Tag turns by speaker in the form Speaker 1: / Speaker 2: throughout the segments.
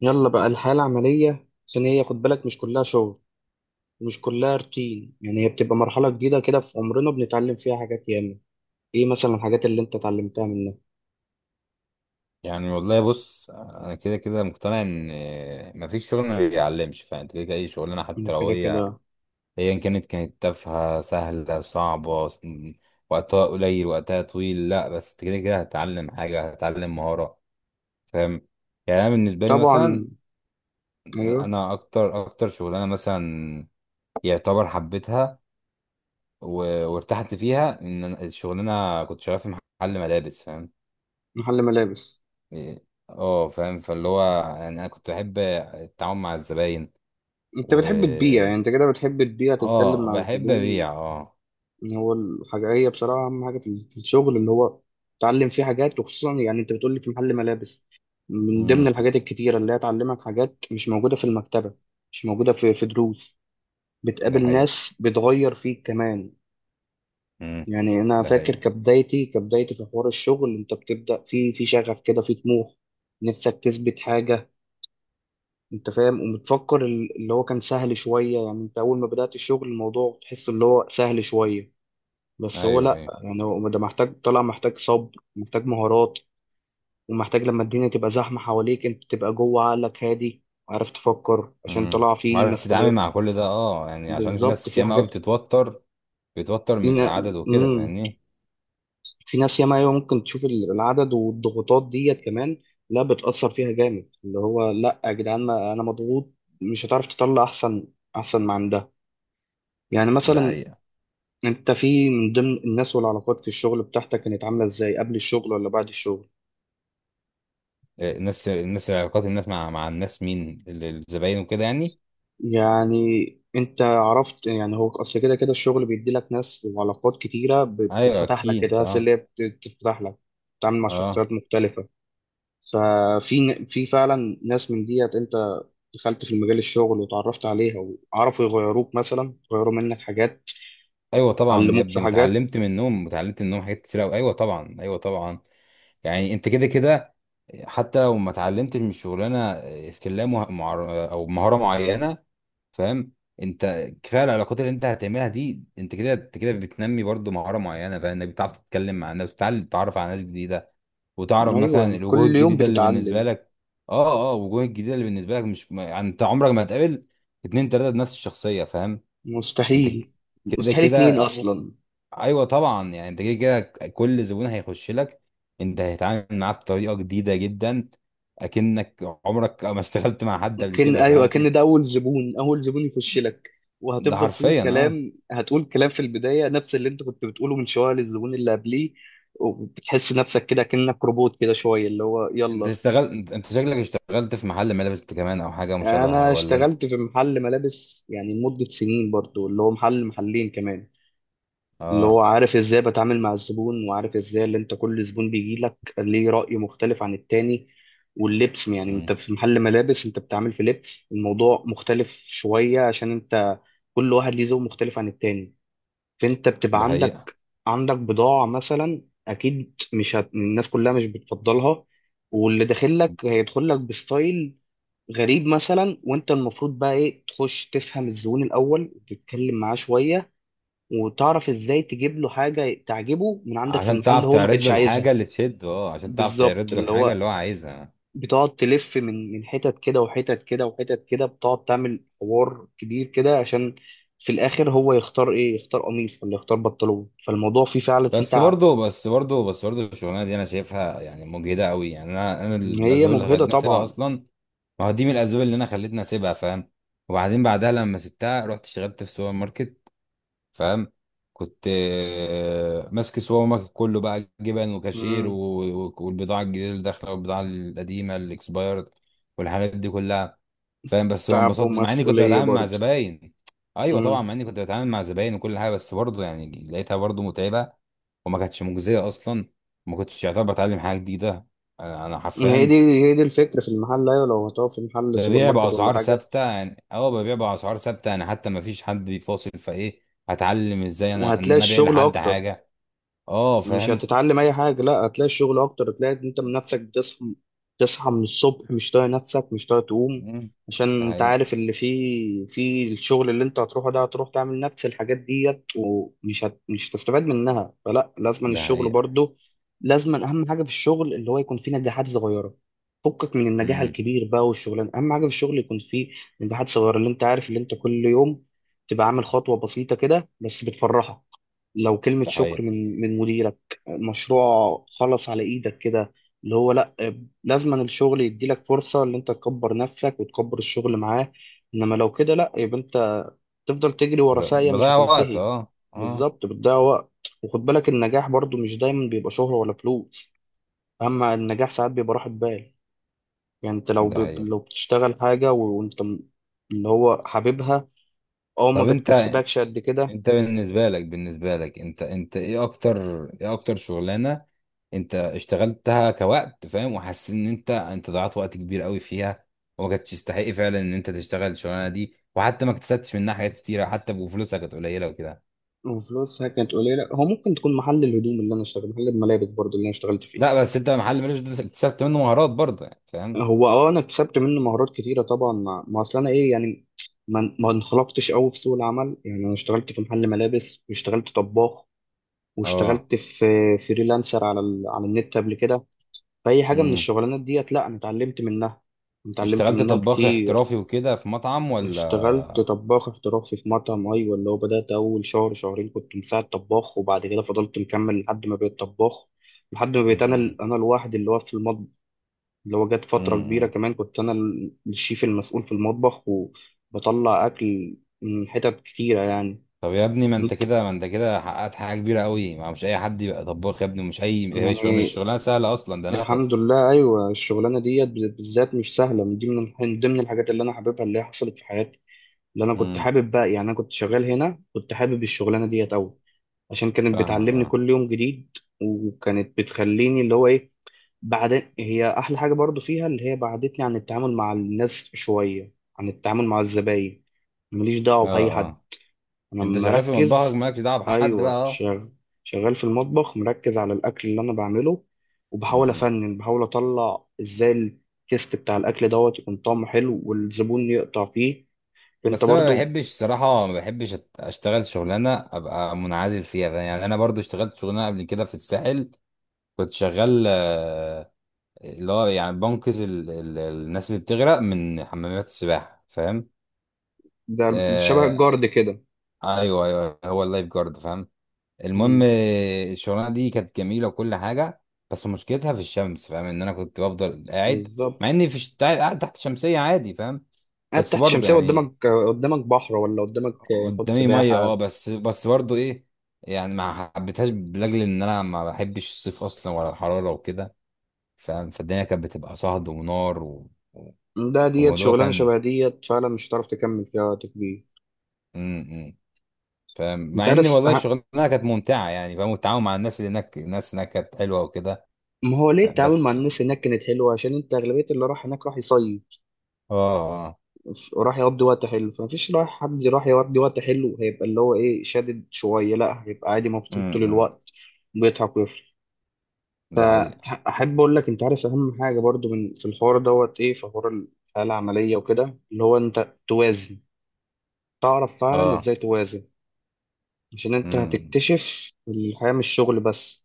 Speaker 1: يلا بقى الحياة العملية، عشان هي خد بالك، مش كلها شغل، مش كلها روتين. يعني هي بتبقى مرحلة جديدة كده في عمرنا، بنتعلم فيها حاجات ياما. ايه مثلا الحاجات اللي انت اتعلمتها منها؟
Speaker 2: يعني والله بص، انا كده كده مقتنع ان مفيش شغل ما بيعلمش. فانت كده كده اي شغلانه
Speaker 1: انا
Speaker 2: حتى لو
Speaker 1: كده
Speaker 2: هي
Speaker 1: كده.
Speaker 2: ايا كانت تافهه سهله صعبه وقتها قليل وقتها طويل، لا بس انت كده كده هتتعلم حاجه، هتتعلم مهاره، فاهم. يعني انا بالنسبه لي مثلا،
Speaker 1: طبعا. ايوه.
Speaker 2: انا اكتر اكتر شغلانه مثلا يعتبر حبيتها وارتحت فيها ان أنا الشغلانه كنت شغال في محل ملابس، فاهم.
Speaker 1: محل ملابس.
Speaker 2: إيه، اه فاهم، فاللي هو يعني انا كنت بحب التعامل مع الزباين.
Speaker 1: انت
Speaker 2: و
Speaker 1: بتحب تبيع، يعني انت كده بتحب تبيع، تتكلم
Speaker 2: اه
Speaker 1: مع
Speaker 2: بحب
Speaker 1: الزبون.
Speaker 2: ابيع، اه.
Speaker 1: ان هو الحاجة هي بصراحة اهم حاجة في الشغل، اللي هو تتعلم فيه حاجات. وخصوصا يعني انت بتقول لي في محل ملابس، من ضمن
Speaker 2: امم.
Speaker 1: الحاجات الكتيرة اللي هي تعلمك حاجات مش موجودة في المكتبة، مش موجودة في دروس.
Speaker 2: ده
Speaker 1: بتقابل
Speaker 2: حقيقة.
Speaker 1: ناس بتغير فيك كمان.
Speaker 2: امم.
Speaker 1: يعني انا
Speaker 2: ده
Speaker 1: فاكر
Speaker 2: حقيقة.
Speaker 1: كبدايتي في حوار الشغل، انت بتبدا في شغف كده، في طموح، نفسك تثبت حاجه. انت فاهم، وبتفكر اللي هو كان سهل شويه. يعني انت اول ما بدات الشغل، الموضوع تحس اللي هو سهل شويه، بس هو
Speaker 2: ايوه
Speaker 1: لا.
Speaker 2: ايوه.
Speaker 1: يعني هو ده محتاج طلع، محتاج صبر، محتاج مهارات، ومحتاج لما الدنيا تبقى زحمه حواليك، انت تبقى جوه عقلك هادي، عارف تفكر، عشان
Speaker 2: امم.
Speaker 1: طلع في
Speaker 2: وعارف تتعامل
Speaker 1: مسؤوليات.
Speaker 2: مع كل ده، اه يعني عشان في
Speaker 1: بالظبط،
Speaker 2: ناس
Speaker 1: في
Speaker 2: ياما قوي
Speaker 1: حاجات
Speaker 2: بتتوتر من
Speaker 1: فينا.
Speaker 2: العدد وكده،
Speaker 1: مم.
Speaker 2: فاهمني.
Speaker 1: في ناس ياما، أيوة، ممكن تشوف العدد والضغوطات ديت كمان، لا بتأثر فيها جامد. اللي هو لا يا جدعان، ما أنا مضغوط، مش هتعرف تطلع أحسن أحسن ما عندها. يعني
Speaker 2: ده
Speaker 1: مثلا
Speaker 2: حقيقة.
Speaker 1: أنت في من ضمن الناس والعلاقات في الشغل بتاعتك، كانت عاملة إزاي قبل الشغل ولا بعد الشغل؟
Speaker 2: إيه، الناس علاقات الناس مع الناس، مين الزباين وكده يعني.
Speaker 1: يعني أنت عرفت، يعني هو أصل كده كده الشغل بيدي لك ناس وعلاقات كتيرة،
Speaker 2: ايوه
Speaker 1: بتتفتح لك كده،
Speaker 2: اكيد
Speaker 1: ناس اللي
Speaker 2: اه.
Speaker 1: هي بتتفتح لك، بتتعامل مع
Speaker 2: اه
Speaker 1: شخصيات مختلفة. ففي ن- في فعلا ناس من ديت، انت دخلت في المجال الشغل وتعرفت عليها، وعرفوا يغيروك، مثلا يغيروا منك حاجات،
Speaker 2: ايوه طبعا يا
Speaker 1: علموك في
Speaker 2: ابني،
Speaker 1: حاجات.
Speaker 2: واتعلمت منهم حاجات كتير قوي. ايوه طبعا، ايوه طبعا. يعني انت كده كده حتى لو ما اتعلمتش من الشغلانه سكيلا او مهاره معينه، فاهم. انت كفايه العلاقات اللي انت هتعملها دي، انت كده انت كده بتنمي برضو مهاره معينه، فاهم انك بتعرف تتكلم مع الناس، وتتعلم تتعرف على ناس جديده، وتعرف مثلا
Speaker 1: ايوه،
Speaker 2: الوجوه
Speaker 1: كل يوم
Speaker 2: الجديده اللي بالنسبه
Speaker 1: بتتعلم.
Speaker 2: لك. اه اه، الوجوه الجديده اللي بالنسبه لك مش ما- يعني انت عمرك ما هتقابل اتنين تلاته بنفس الشخصيه، فاهم. انت
Speaker 1: مستحيل.
Speaker 2: كده
Speaker 1: مستحيل اتنين
Speaker 2: كده.
Speaker 1: اصلا.
Speaker 2: ايوه طبعا، يعني انت كده كده كل زبون هيخش لك انت هتتعامل معاه بطريقه جديده جدا، اكنك عمرك ما اشتغلت مع حد قبل
Speaker 1: ممكن
Speaker 2: كده،
Speaker 1: ايوه،
Speaker 2: فاهم.
Speaker 1: كان ده اول زبون، اول زبون يخش لك،
Speaker 2: ده
Speaker 1: وهتفضل تقول
Speaker 2: حرفيا، اه.
Speaker 1: كلام، هتقول كلام في البدايه نفس اللي انت كنت بتقوله من شويه للزبون اللي قبليه. وبتحس نفسك كده كأنك روبوت كده شويه، اللي هو
Speaker 2: انت
Speaker 1: يلا.
Speaker 2: اشتغل انت أنت شكلك اشتغلت في محل ملابس انت كمان او حاجه مشابهه،
Speaker 1: انا
Speaker 2: ولا انت؟
Speaker 1: اشتغلت في محل ملابس، يعني مدة سنين برضو، اللي هو محل محلين كمان، اللي هو
Speaker 2: اه.
Speaker 1: عارف ازاي بتعامل مع الزبون، وعارف ازاي اللي انت كل زبون بيجي لك ليه رأي مختلف عن التاني. واللبس يعني انت
Speaker 2: مم.
Speaker 1: في محل ملابس، انت بتعمل في لبس، الموضوع مختلف شوية، عشان انت كل واحد ليه ذوق مختلف عن التاني. فانت بتبقى
Speaker 2: ده حقيقه.
Speaker 1: عندك، عندك بضاعة مثلا، اكيد مش هت... الناس كلها مش بتفضلها، واللي داخل لك هيدخل لك بستايل غريب مثلا. وانت المفروض بقى ايه؟ تخش تفهم الزبون الاول وتتكلم معاه شوية، وتعرف ازاي تجيب له حاجه تعجبه من عندك في
Speaker 2: عشان
Speaker 1: المحل اللي
Speaker 2: تعرف
Speaker 1: هو ما
Speaker 2: تعرض
Speaker 1: كانش
Speaker 2: له الحاجه
Speaker 1: عايزها.
Speaker 2: اللي تشده، اه عشان تعرف
Speaker 1: بالظبط،
Speaker 2: تعرض له
Speaker 1: اللي
Speaker 2: الحاجه
Speaker 1: هو
Speaker 2: اللي هو عايزها.
Speaker 1: بتقعد تلف من حتت كده، وحتت كده، وحتت كده، بتقعد تعمل حوار كبير كده، عشان في الاخر هو يختار ايه، يختار قميص ولا يختار بنطلون. فالموضوع فيه فعلا فيه
Speaker 2: بس
Speaker 1: تعب.
Speaker 2: برضه بس برضه بس برضه الشغلانه دي انا شايفها يعني مجهده قوي، يعني انا
Speaker 1: هي
Speaker 2: الاسباب اللي
Speaker 1: مجهده
Speaker 2: خلتني اسيبها
Speaker 1: طبعا.
Speaker 2: اصلا، ما هو دي من الاسباب اللي انا خلتني اسيبها، فاهم. وبعدين بعدها لما سبتها رحت اشتغلت في سوبر ماركت، فاهم. كنت آه، ماسك السوبر ماركت كله بقى، جبن وكاشير
Speaker 1: مم.
Speaker 2: والبضاعه الجديده اللي داخله، والبضاعه القديمه الاكسبايرد، والحاجات دي كلها، فاهم. بس ما
Speaker 1: تعب
Speaker 2: انبسطتش مع اني كنت
Speaker 1: ومسؤوليه
Speaker 2: بتعامل مع
Speaker 1: برضه.
Speaker 2: زباين. ايوه طبعا،
Speaker 1: مم.
Speaker 2: مع اني كنت بتعامل مع زباين وكل حاجه، بس برضه يعني لقيتها برضه متعبه، وما كانتش مجزيه اصلا. ما كنتش يعتبر بتعلم حاجه جديده. انا
Speaker 1: هي دي،
Speaker 2: حرفيا
Speaker 1: هي دي الفكره في المحل. ايوه، لو هتقف في محل سوبر
Speaker 2: ببيع
Speaker 1: ماركت ولا
Speaker 2: بأسعار
Speaker 1: حاجه،
Speaker 2: ثابتة يعني، اه ببيع بأسعار ثابتة يعني، حتى ما فيش حد بيفاصل، فايه هتعلم، ازاي انا ان
Speaker 1: وهتلاقي
Speaker 2: انا ابيع
Speaker 1: الشغل
Speaker 2: لحد
Speaker 1: اكتر،
Speaker 2: حاجة. اه
Speaker 1: مش
Speaker 2: فاهم.
Speaker 1: هتتعلم اي حاجه، لا هتلاقي الشغل اكتر. هتلاقي إن انت من نفسك بتصحى، تصحى من الصبح مش طايق نفسك، مش طايق تقوم،
Speaker 2: مم، ده
Speaker 1: عشان انت
Speaker 2: حقيقة.
Speaker 1: عارف اللي فيه في الشغل اللي انت هتروحه ده، هتروح تعمل نفس الحاجات ديت، ومش هت... مش هتستفاد منها. فلا، لازم
Speaker 2: ده
Speaker 1: الشغل
Speaker 2: حقيقة.
Speaker 1: برضو لازم. اهم حاجه في الشغل اللي هو يكون فيه نجاحات صغيره، فكك من النجاح
Speaker 2: مم،
Speaker 1: الكبير بقى. والشغلانه اهم حاجه في الشغل يكون فيه نجاحات صغيره، اللي انت عارف اللي انت كل يوم تبقى عامل خطوه بسيطه كده، بس بتفرحك. لو كلمه
Speaker 2: ده
Speaker 1: شكر
Speaker 2: حقيقة.
Speaker 1: من مديرك، مشروع خلص على ايدك كده، اللي هو لا. لازما الشغل يديلك فرصة ان انت تكبر نفسك وتكبر الشغل معاه. انما لو كده لا، يبقى انت تفضل تجري ورا ساقية مش
Speaker 2: بضيع وقت،
Speaker 1: هتنتهي.
Speaker 2: اه اه.
Speaker 1: بالظبط، بتضيع وقت. وخد بالك، النجاح برضو مش دايما بيبقى شهرة ولا فلوس، اما النجاح ساعات بيبقى راحة بال. يعني انت لو
Speaker 2: ده
Speaker 1: ب...
Speaker 2: حقيقة.
Speaker 1: لو بتشتغل حاجة وانت اللي هو حاببها، او ما
Speaker 2: طب انت،
Speaker 1: بتكسبكش قد كده.
Speaker 2: بالنسبه لك انت ايه اكتر، ايه اكتر شغلانه انت اشتغلتها كوقت، فاهم، وحسيت ان انت ضيعت وقت كبير قوي فيها، وما كانتش تستحق فعلا ان انت تشتغل الشغلانه دي، وحتى ما اكتسبتش منها حاجات كتيره، حتى بفلوسها كانت قليله وكده.
Speaker 1: وفلوسها كانت قليلة. هو ممكن تكون محل الهدوم اللي انا اشتغل، محل الملابس برضو اللي انا اشتغلت فيه،
Speaker 2: لا بس انت محل ملوش دور، اكتسبت منه مهارات برضه يعني، فاهم.
Speaker 1: هو اه، انا اكتسبت منه مهارات كتيره طبعا. ما اصل انا ايه يعني، ما انخلقتش قوي في سوق العمل. يعني انا اشتغلت في محل ملابس، واشتغلت طباخ،
Speaker 2: اه.
Speaker 1: واشتغلت في فريلانسر على ال... على النت قبل كده. فاي حاجه من
Speaker 2: امم.
Speaker 1: الشغلانات ديت، لا انا اتعلمت منها، اتعلمت
Speaker 2: اشتغلت
Speaker 1: منها
Speaker 2: طباخ
Speaker 1: كتير.
Speaker 2: احترافي وكده في مطعم
Speaker 1: اشتغلت
Speaker 2: ولا؟
Speaker 1: طباخ احترافي في مطعم، ايوه. اللي هو بدات اول شهر شهرين كنت مساعد طباخ، وبعد كده فضلت مكمل لحد ما بقيت طباخ، لحد ما بقيت انا انا الواحد اللي واقف في المطبخ. اللي هو جت فترة كبيرة
Speaker 2: امم.
Speaker 1: كمان كنت أنا الشيف المسؤول في المطبخ، وبطلع أكل من حتت كتيرة يعني.
Speaker 2: طب يا ابني، ما انت
Speaker 1: مت-
Speaker 2: كده حققت حاجه كبيره قوي، ما مش اي حد يبقى طباخ يا ابني، مش اي، هي شغل، مش
Speaker 1: يعني
Speaker 2: شغلانه سهله اصلا، ده
Speaker 1: الحمد
Speaker 2: نفس.
Speaker 1: لله، أيوة الشغلانة ديت بالذات مش سهلة. من دي، من ضمن الحاجات اللي أنا حاببها اللي هي حصلت في حياتي، اللي أنا كنت
Speaker 2: امم.
Speaker 1: حابب بقى. يعني أنا كنت شغال هنا، كنت حابب الشغلانة ديت أوي، عشان كانت
Speaker 2: فاهمك
Speaker 1: بتعلمني
Speaker 2: اه.
Speaker 1: كل يوم جديد. وكانت بتخليني اللي هو إيه، بعد هي احلى حاجه برضو فيها، اللي هي بعدتني عن التعامل مع الناس شويه، عن التعامل مع الزباين. ماليش دعوه
Speaker 2: اه
Speaker 1: باي حد،
Speaker 2: اه.
Speaker 1: انا
Speaker 2: انت شغال في مطبخك
Speaker 1: مركز.
Speaker 2: مالكش دعوه بحد بقى،
Speaker 1: ايوه
Speaker 2: اه.
Speaker 1: شغال، شغال في المطبخ، مركز على الاكل اللي انا بعمله، وبحاول
Speaker 2: امم.
Speaker 1: افنن، بحاول اطلع ازاي التيست بتاع الاكل دوت يكون طعمه حلو، والزبون يقطع فيه. انت
Speaker 2: بس انا ما
Speaker 1: برضو.
Speaker 2: بحبش صراحه، ما بحبش اشتغل شغلانه ابقى منعزل فيها، فاهم؟ يعني انا برضو اشتغلت شغلانه قبل كده في الساحل، كنت شغال آه، اللي هو يعني بنقذ الناس اللي بتغرق من حمامات السباحه، فاهم.
Speaker 1: ده شبه
Speaker 2: آه.
Speaker 1: الجارد كده.
Speaker 2: ايوه ايوه، هو اللايف جارد، فاهم. المهم
Speaker 1: امم.
Speaker 2: آه، الشغلانه دي كانت جميله وكل حاجه، بس مشكلتها في الشمس، فاهم ان انا كنت بفضل قاعد، مع
Speaker 1: بالظبط.
Speaker 2: اني في قاعد تحت شمسيه عادي، فاهم.
Speaker 1: قاعد
Speaker 2: بس
Speaker 1: تحت
Speaker 2: برضه
Speaker 1: الشمسيه،
Speaker 2: يعني
Speaker 1: قدامك قدامك بحر ولا قدامك حوض
Speaker 2: قدامي ميه، اه
Speaker 1: سباحه؟
Speaker 2: بس برضه ايه يعني، ما حبيتهاش لاجل ان انا ما بحبش الصيف اصلا، ولا الحراره وكده، فاهم. فالدنيا كانت بتبقى صهد ونار
Speaker 1: ده ديت
Speaker 2: والموضوع
Speaker 1: شغلانه
Speaker 2: كان
Speaker 1: شبه ديت فعلا، مش هتعرف تكمل فيها وقت كبير.
Speaker 2: م- م. فاهم
Speaker 1: انت
Speaker 2: مع ان
Speaker 1: عارف
Speaker 2: والله الشغلانه كانت ممتعه يعني، فاهم. والتعاون مع الناس اللي هناك، الناس هناك كانت حلوه وكده،
Speaker 1: ما هو ليه
Speaker 2: فاهم.
Speaker 1: التعامل مع
Speaker 2: بس
Speaker 1: الناس هناك كانت حلوه؟ عشان انت اغلبيه اللي راح هناك راح يصيف،
Speaker 2: اه. آه.
Speaker 1: وراح يقضي وقت حلو. فمفيش رايح، حد راح يقضي وقت حلو هيبقى اللي هو ايه، شادد شويه، لا هيبقى عادي مبسوط
Speaker 2: امم.
Speaker 1: طول الوقت، بيضحك ويفرح.
Speaker 2: ده حقيقة.
Speaker 1: احب اقول لك، انت عارف اهم حاجه برضو من في الحوار دوت ايه؟ في حوار الحياه العمليه وكده، اللي هو انت توازن، تعرف فعلا
Speaker 2: اه.
Speaker 1: ازاي توازن. عشان انت
Speaker 2: امم.
Speaker 1: هتكتشف الحياه مش شغل بس،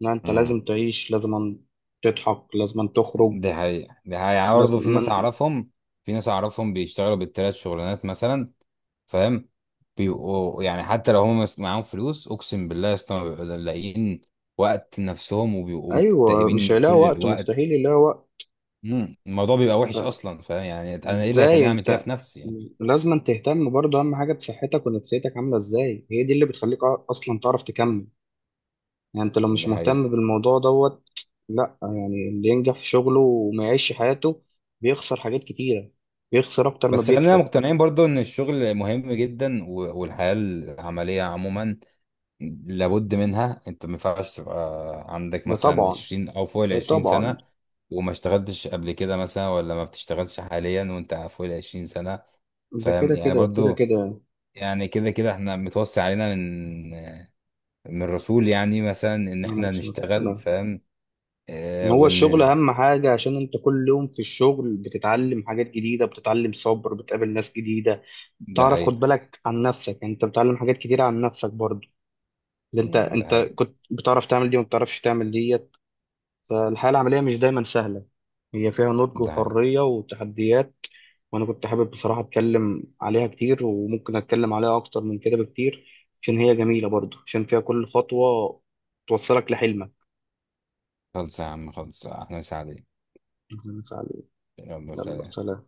Speaker 1: لا انت
Speaker 2: امم
Speaker 1: لازم تعيش، لازم تضحك، لازم تخرج،
Speaker 2: ده حقيقة. ده حقيقة. يعني
Speaker 1: لازم.
Speaker 2: برضه في ناس أعرفهم، في ناس أعرفهم بيشتغلوا بالتلات شغلانات مثلا، فاهم، بيبقوا يعني حتى لو هم معاهم فلوس، أقسم بالله يا اسطى ما بيبقوا لاقيين وقت نفسهم، وبيبقوا
Speaker 1: ايوه، مش
Speaker 2: مكتئبين
Speaker 1: هيلاقي
Speaker 2: كل
Speaker 1: وقت،
Speaker 2: الوقت.
Speaker 1: مستحيل يلاقي وقت.
Speaker 2: امم. الموضوع بيبقى وحش أصلا، فاهم يعني، أنا إيه اللي
Speaker 1: ازاي
Speaker 2: هيخليني أعمل كده
Speaker 1: انت؟
Speaker 2: في نفسي يعني.
Speaker 1: لازم تهتم برضه، اهم حاجه بصحتك ونفسيتك عامله ازاي، هي دي اللي بتخليك اصلا تعرف تكمل. يعني انت لو مش
Speaker 2: ده
Speaker 1: مهتم
Speaker 2: حقيقة.
Speaker 1: بالموضوع دوت، لا. يعني اللي ينجح في شغله وما يعيش حياته، بيخسر حاجات كتيره، بيخسر اكتر ما
Speaker 2: بس خلينا
Speaker 1: بيكسب.
Speaker 2: مقتنعين برضه إن الشغل مهم جدا، والحياة العملية عموما لابد منها. انت ما ينفعش تبقى عندك
Speaker 1: ده
Speaker 2: مثلا
Speaker 1: طبعا،
Speaker 2: 20 او فوق ال
Speaker 1: ده
Speaker 2: 20
Speaker 1: طبعا.
Speaker 2: سنه وما اشتغلتش قبل كده مثلا، ولا ما بتشتغلش حاليا وانت فوق ال 20 سنه،
Speaker 1: ده
Speaker 2: فاهم.
Speaker 1: كده
Speaker 2: يعني
Speaker 1: كده وكده
Speaker 2: برضو،
Speaker 1: كده.
Speaker 2: يعني كده كده احنا متوصي علينا من الرسول يعني مثلا ان
Speaker 1: أنا
Speaker 2: احنا
Speaker 1: مبسوط.
Speaker 2: نشتغل، فاهم. اه،
Speaker 1: هو
Speaker 2: وان
Speaker 1: الشغل
Speaker 2: ال.
Speaker 1: أهم حاجة، عشان أنت كل يوم في الشغل بتتعلم حاجات جديدة، بتتعلم صبر، بتقابل ناس جديدة،
Speaker 2: ده
Speaker 1: بتعرف خد
Speaker 2: حقيقة.
Speaker 1: بالك عن نفسك. يعني أنت بتتعلم حاجات كتيرة عن نفسك برضه، اللي أنت،
Speaker 2: مم، ده
Speaker 1: أنت
Speaker 2: حقيقة.
Speaker 1: كنت بتعرف تعمل دي وما بتعرفش تعمل ديت. فالحياة العملية مش دايما سهلة، هي فيها نضج
Speaker 2: ده حقيقة.
Speaker 1: وحرية وتحديات. وأنا كنت حابب بصراحة أتكلم عليها كتير، وممكن أتكلم عليها أكتر من كده بكتير، عشان هي جميلة برضه، عشان فيها كل خطوة توصلك لحلمك.
Speaker 2: خلص يا عم خلص، احنا سعيد.
Speaker 1: أهلاً وسهلاً.
Speaker 2: يلا
Speaker 1: يلا
Speaker 2: سلام.
Speaker 1: سلام.